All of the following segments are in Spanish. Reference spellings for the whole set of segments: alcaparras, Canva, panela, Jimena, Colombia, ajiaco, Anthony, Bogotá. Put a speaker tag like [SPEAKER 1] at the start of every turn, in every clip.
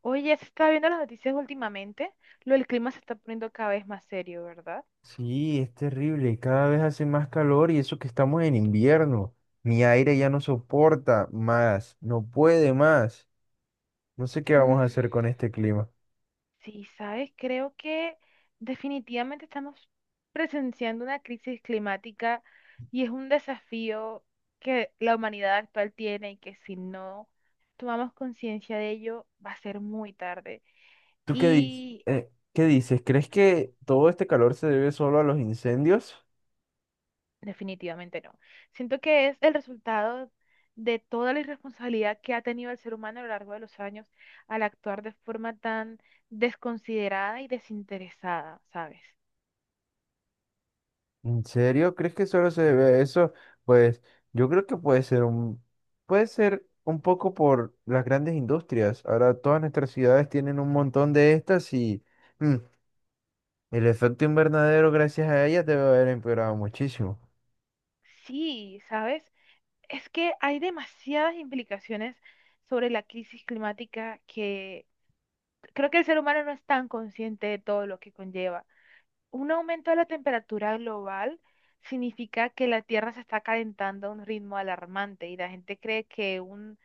[SPEAKER 1] Oye, se está viendo las noticias últimamente. Lo del clima se está poniendo cada vez más serio, ¿verdad?
[SPEAKER 2] Sí, es terrible. Cada vez hace más calor y eso que estamos en invierno. Mi aire ya no soporta más, no puede más. No sé qué vamos a
[SPEAKER 1] Mm,
[SPEAKER 2] hacer con este clima.
[SPEAKER 1] sí, sabes, creo que definitivamente estamos presenciando una crisis climática y es un desafío que la humanidad actual tiene y que si no tomamos conciencia de ello va a ser muy tarde.
[SPEAKER 2] ¿Tú qué dices?
[SPEAKER 1] Y
[SPEAKER 2] ¿Qué dices? ¿Crees que todo este calor se debe solo a los incendios?
[SPEAKER 1] Definitivamente no. Siento que es el resultado de toda la irresponsabilidad que ha tenido el ser humano a lo largo de los años al actuar de forma tan desconsiderada y desinteresada, ¿sabes?
[SPEAKER 2] ¿En serio? ¿Crees que solo se debe a eso? Pues yo creo que puede ser un poco por las grandes industrias. Ahora todas nuestras ciudades tienen un montón de estas y mm, el efecto invernadero, gracias a ella, debe haber empeorado muchísimo.
[SPEAKER 1] Sí, ¿sabes? Es que hay demasiadas implicaciones sobre la crisis climática que creo que el ser humano no es tan consciente de todo lo que conlleva. Un aumento de la temperatura global significa que la Tierra se está calentando a un ritmo alarmante y la gente cree que un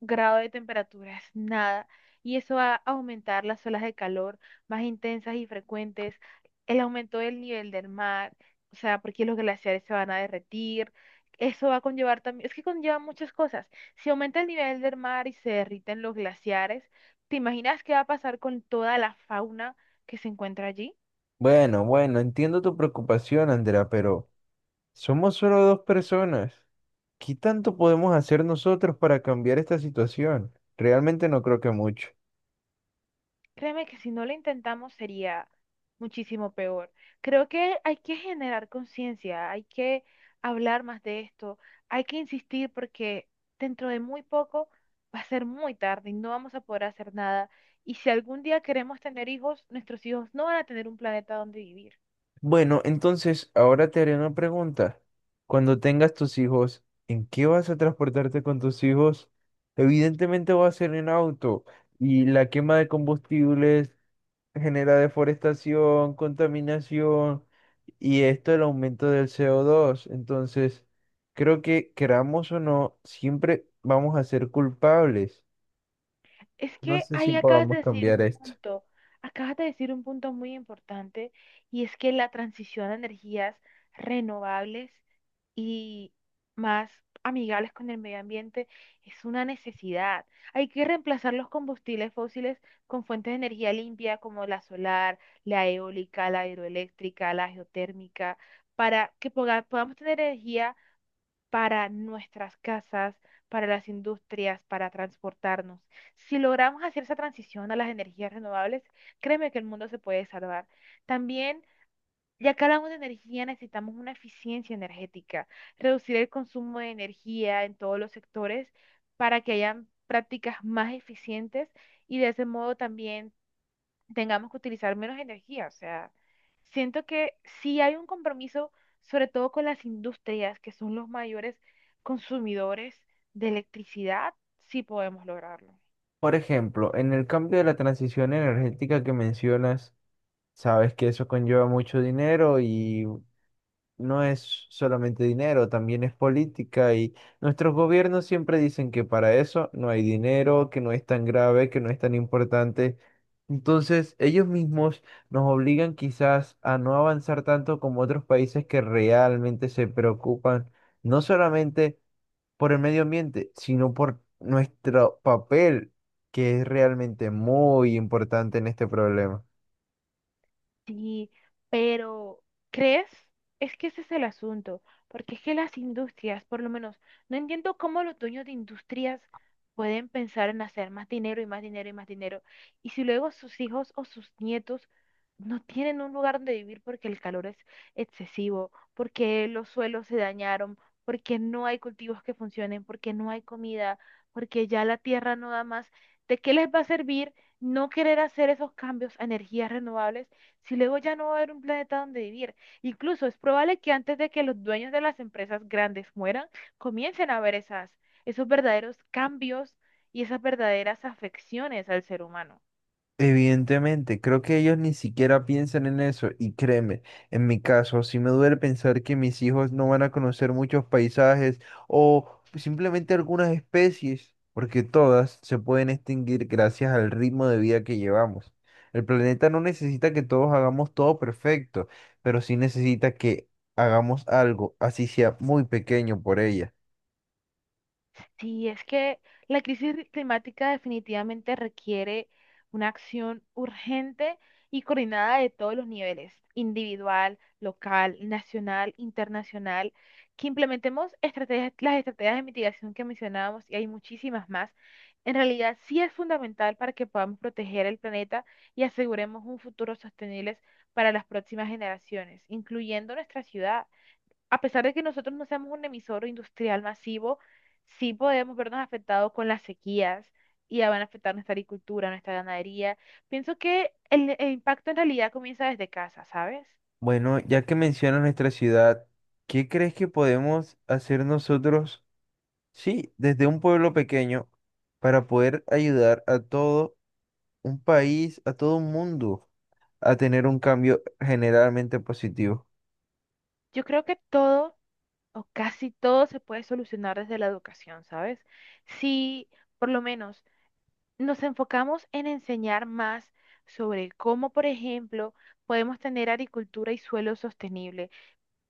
[SPEAKER 1] grado de temperatura es nada y eso va a aumentar las olas de calor más intensas y frecuentes, el aumento del nivel del mar, o sea, porque los glaciares se van a derretir. Eso va a conllevar también, es que conlleva muchas cosas. Si aumenta el nivel del mar y se derriten los glaciares, ¿te imaginas qué va a pasar con toda la fauna que se encuentra allí?
[SPEAKER 2] Bueno, entiendo tu preocupación, Andrea, pero somos solo dos personas. ¿Qué tanto podemos hacer nosotros para cambiar esta situación? Realmente no creo que mucho.
[SPEAKER 1] Créeme que si no lo intentamos sería muchísimo peor. Creo que hay que generar conciencia, hay que hablar más de esto, hay que insistir porque dentro de muy poco va a ser muy tarde y no vamos a poder hacer nada. Y si algún día queremos tener hijos, nuestros hijos no van a tener un planeta donde vivir.
[SPEAKER 2] Bueno, entonces ahora te haré una pregunta. Cuando tengas tus hijos, ¿en qué vas a transportarte con tus hijos? Evidentemente va a ser en auto y la quema de combustibles genera deforestación, contaminación y esto el aumento del CO2. Entonces, creo que queramos o no, siempre vamos a ser culpables.
[SPEAKER 1] Es
[SPEAKER 2] No
[SPEAKER 1] que
[SPEAKER 2] sé si
[SPEAKER 1] ahí acabas de
[SPEAKER 2] podamos
[SPEAKER 1] decir
[SPEAKER 2] cambiar
[SPEAKER 1] un
[SPEAKER 2] esto.
[SPEAKER 1] punto, acabas de decir un punto muy importante y es que la transición a energías renovables y más amigables con el medio ambiente es una necesidad. Hay que reemplazar los combustibles fósiles con fuentes de energía limpia como la solar, la eólica, la hidroeléctrica, la geotérmica, para que podamos tener energía para nuestras casas, para las industrias, para transportarnos. Si logramos hacer esa transición a las energías renovables, créeme que el mundo se puede salvar. También, ya que hablamos de energía, necesitamos una eficiencia energética, reducir el consumo de energía en todos los sectores para que hayan prácticas más eficientes y de ese modo también tengamos que utilizar menos energía. O sea, siento que sí hay un compromiso, sobre todo con las industrias, que son los mayores consumidores de electricidad, sí podemos lograrlo.
[SPEAKER 2] Por ejemplo, en el cambio de la transición energética que mencionas, sabes que eso conlleva mucho dinero y no es solamente dinero, también es política y nuestros gobiernos siempre dicen que para eso no hay dinero, que no es tan grave, que no es tan importante. Entonces, ellos mismos nos obligan quizás a no avanzar tanto como otros países que realmente se preocupan no solamente por el medio ambiente, sino por nuestro papel, que es realmente muy importante en este problema.
[SPEAKER 1] Sí, pero ¿crees? Es que ese es el asunto, porque es que las industrias, por lo menos, no entiendo cómo los dueños de industrias pueden pensar en hacer más dinero y más dinero y más dinero, y si luego sus hijos o sus nietos no tienen un lugar donde vivir porque el calor es excesivo, porque los suelos se dañaron, porque no hay cultivos que funcionen, porque no hay comida, porque ya la tierra no da más, ¿de qué les va a servir no querer hacer esos cambios a energías renovables? Si luego ya no va a haber un planeta donde vivir. Incluso es probable que antes de que los dueños de las empresas grandes mueran, comiencen a haber esos verdaderos cambios y esas verdaderas afecciones al ser humano.
[SPEAKER 2] Evidentemente, creo que ellos ni siquiera piensan en eso y créeme, en mi caso, sí me duele pensar que mis hijos no van a conocer muchos paisajes o simplemente algunas especies, porque todas se pueden extinguir gracias al ritmo de vida que llevamos. El planeta no necesita que todos hagamos todo perfecto, pero sí necesita que hagamos algo, así sea muy pequeño por ella.
[SPEAKER 1] Sí, es que la crisis climática definitivamente requiere una acción urgente y coordinada de todos los niveles, individual, local, nacional, internacional, que implementemos estrategias, las estrategias de mitigación que mencionábamos y hay muchísimas más. En realidad, sí es fundamental para que podamos proteger el planeta y aseguremos un futuro sostenible para las próximas generaciones, incluyendo nuestra ciudad a pesar de que nosotros no seamos un emisor industrial masivo, sí podemos vernos afectados con las sequías y ya van a afectar nuestra agricultura, nuestra ganadería. Pienso que el impacto en realidad comienza desde casa, ¿sabes?
[SPEAKER 2] Bueno, ya que mencionas nuestra ciudad, ¿qué crees que podemos hacer nosotros? Sí, desde un pueblo pequeño para poder ayudar a todo un país, a todo un mundo a tener un cambio generalmente positivo.
[SPEAKER 1] Yo creo que todo o casi todo se puede solucionar desde la educación, ¿sabes? Si por lo menos nos enfocamos en enseñar más sobre cómo, por ejemplo, podemos tener agricultura y suelo sostenible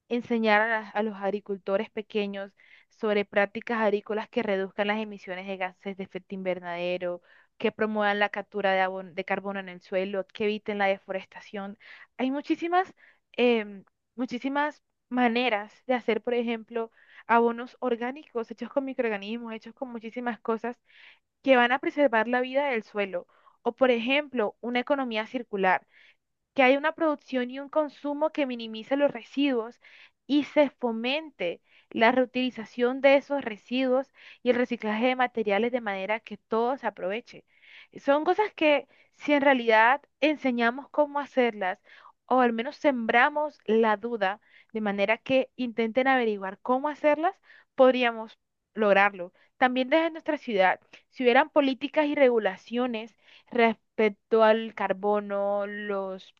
[SPEAKER 1] enseñar a, a los agricultores pequeños sobre prácticas agrícolas que reduzcan las emisiones de gases de efecto invernadero, que promuevan la captura de, de carbono en el suelo, que eviten la deforestación. Hay em, muchísimas maneras de hacer, por ejemplo, abonos orgánicos hechos con microorganismos, hechos con muchísimas cosas que van a preservar la vida del suelo. O, por ejemplo, una economía circular que haya una producción y un consumo que minimice los residuos y se fomente la reutilización de esos residuos y el reciclaje de materiales de manera que todo se aproveche. Son cosas que si en realidad enseñamos cómo hacerlas o al menos sembramos la duda de manera que intenten averiguar cómo hacerlas, podríamos lograrlo. También desde nuestra ciudad, si hubieran políticas y regulaciones respecto al carbono, los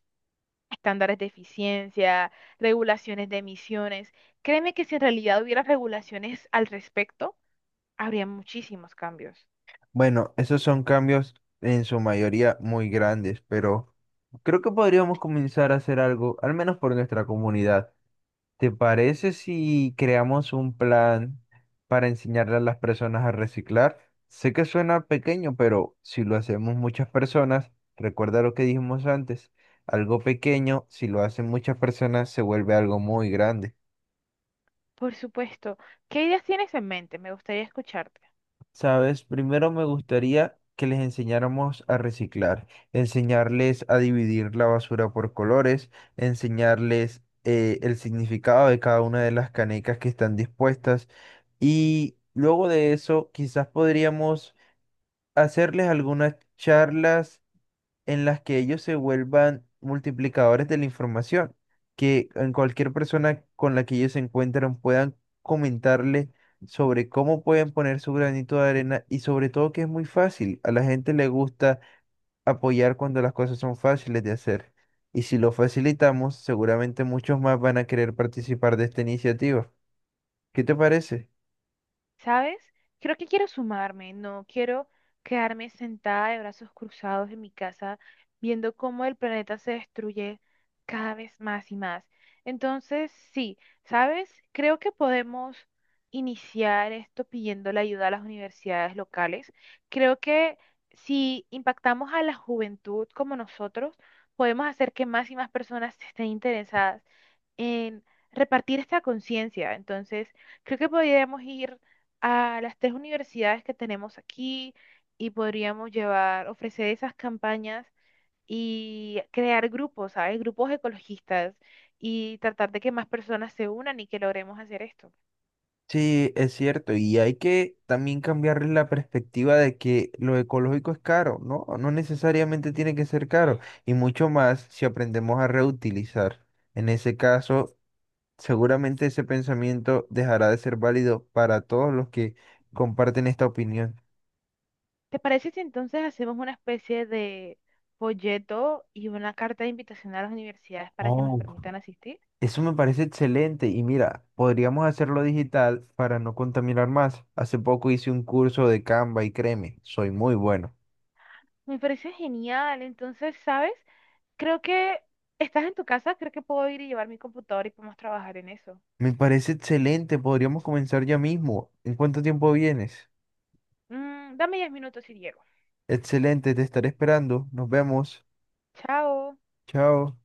[SPEAKER 1] estándares de eficiencia, regulaciones de emisiones. Créeme que si en realidad hubiera regulaciones al respecto, habría muchísimos cambios.
[SPEAKER 2] Bueno, esos son cambios en su mayoría muy grandes, pero creo que podríamos comenzar a hacer algo, al menos por nuestra comunidad. ¿Te parece si creamos un plan para enseñarle a las personas a reciclar? Sé que suena pequeño, pero si lo hacemos muchas personas, recuerda lo que dijimos antes, algo pequeño, si lo hacen muchas personas, se vuelve algo muy grande.
[SPEAKER 1] Por supuesto. ¿Qué ideas tienes en mente? Me gustaría escucharte.
[SPEAKER 2] Sabes, primero me gustaría que les enseñáramos a reciclar, enseñarles a dividir la basura por colores, enseñarles el significado de cada una de las canecas que están dispuestas y luego de eso quizás podríamos hacerles algunas charlas en las que ellos se vuelvan multiplicadores de la información, que en cualquier persona con la que ellos se encuentran puedan comentarle sobre cómo pueden poner su granito de arena y sobre todo que es muy fácil. A la gente le gusta apoyar cuando las cosas son fáciles de hacer. Y si lo facilitamos, seguramente muchos más van a querer participar de esta iniciativa. ¿Qué te parece?
[SPEAKER 1] ¿Sabes? Creo que quiero sumarme, no quiero quedarme sentada de brazos cruzados en mi casa viendo cómo el planeta se destruye cada vez más y más. Entonces, sí, ¿sabes? Creo que podemos iniciar esto pidiendo la ayuda a las universidades locales. Creo que si impactamos a la juventud como nosotros, podemos hacer que más y más personas estén interesadas en repartir esta conciencia. Entonces, creo que podríamos ir a las tres universidades que tenemos aquí y podríamos llevar, ofrecer esas campañas y crear grupos, ¿sabes? Grupos ecologistas y tratar de que más personas se unan y que logremos hacer esto.
[SPEAKER 2] Sí, es cierto, y hay que también cambiarle la perspectiva de que lo ecológico es caro, ¿no? No necesariamente tiene que ser caro, y mucho más si aprendemos a reutilizar. En ese caso, seguramente ese pensamiento dejará de ser válido para todos los que comparten esta opinión.
[SPEAKER 1] ¿Te parece si entonces hacemos una especie de folleto y una carta de invitación a las universidades para que nos
[SPEAKER 2] Oh,
[SPEAKER 1] permitan asistir?
[SPEAKER 2] eso me parece excelente y mira, podríamos hacerlo digital para no contaminar más. Hace poco hice un curso de Canva y créeme, soy muy bueno.
[SPEAKER 1] Me parece genial. Entonces, ¿sabes? Creo que estás en tu casa, creo que puedo ir y llevar mi computador y podemos trabajar en eso.
[SPEAKER 2] Me parece excelente, podríamos comenzar ya mismo. ¿En cuánto tiempo vienes?
[SPEAKER 1] Dame 10 minutos y llego.
[SPEAKER 2] Excelente, te estaré esperando. Nos vemos.
[SPEAKER 1] Chao.
[SPEAKER 2] Chao.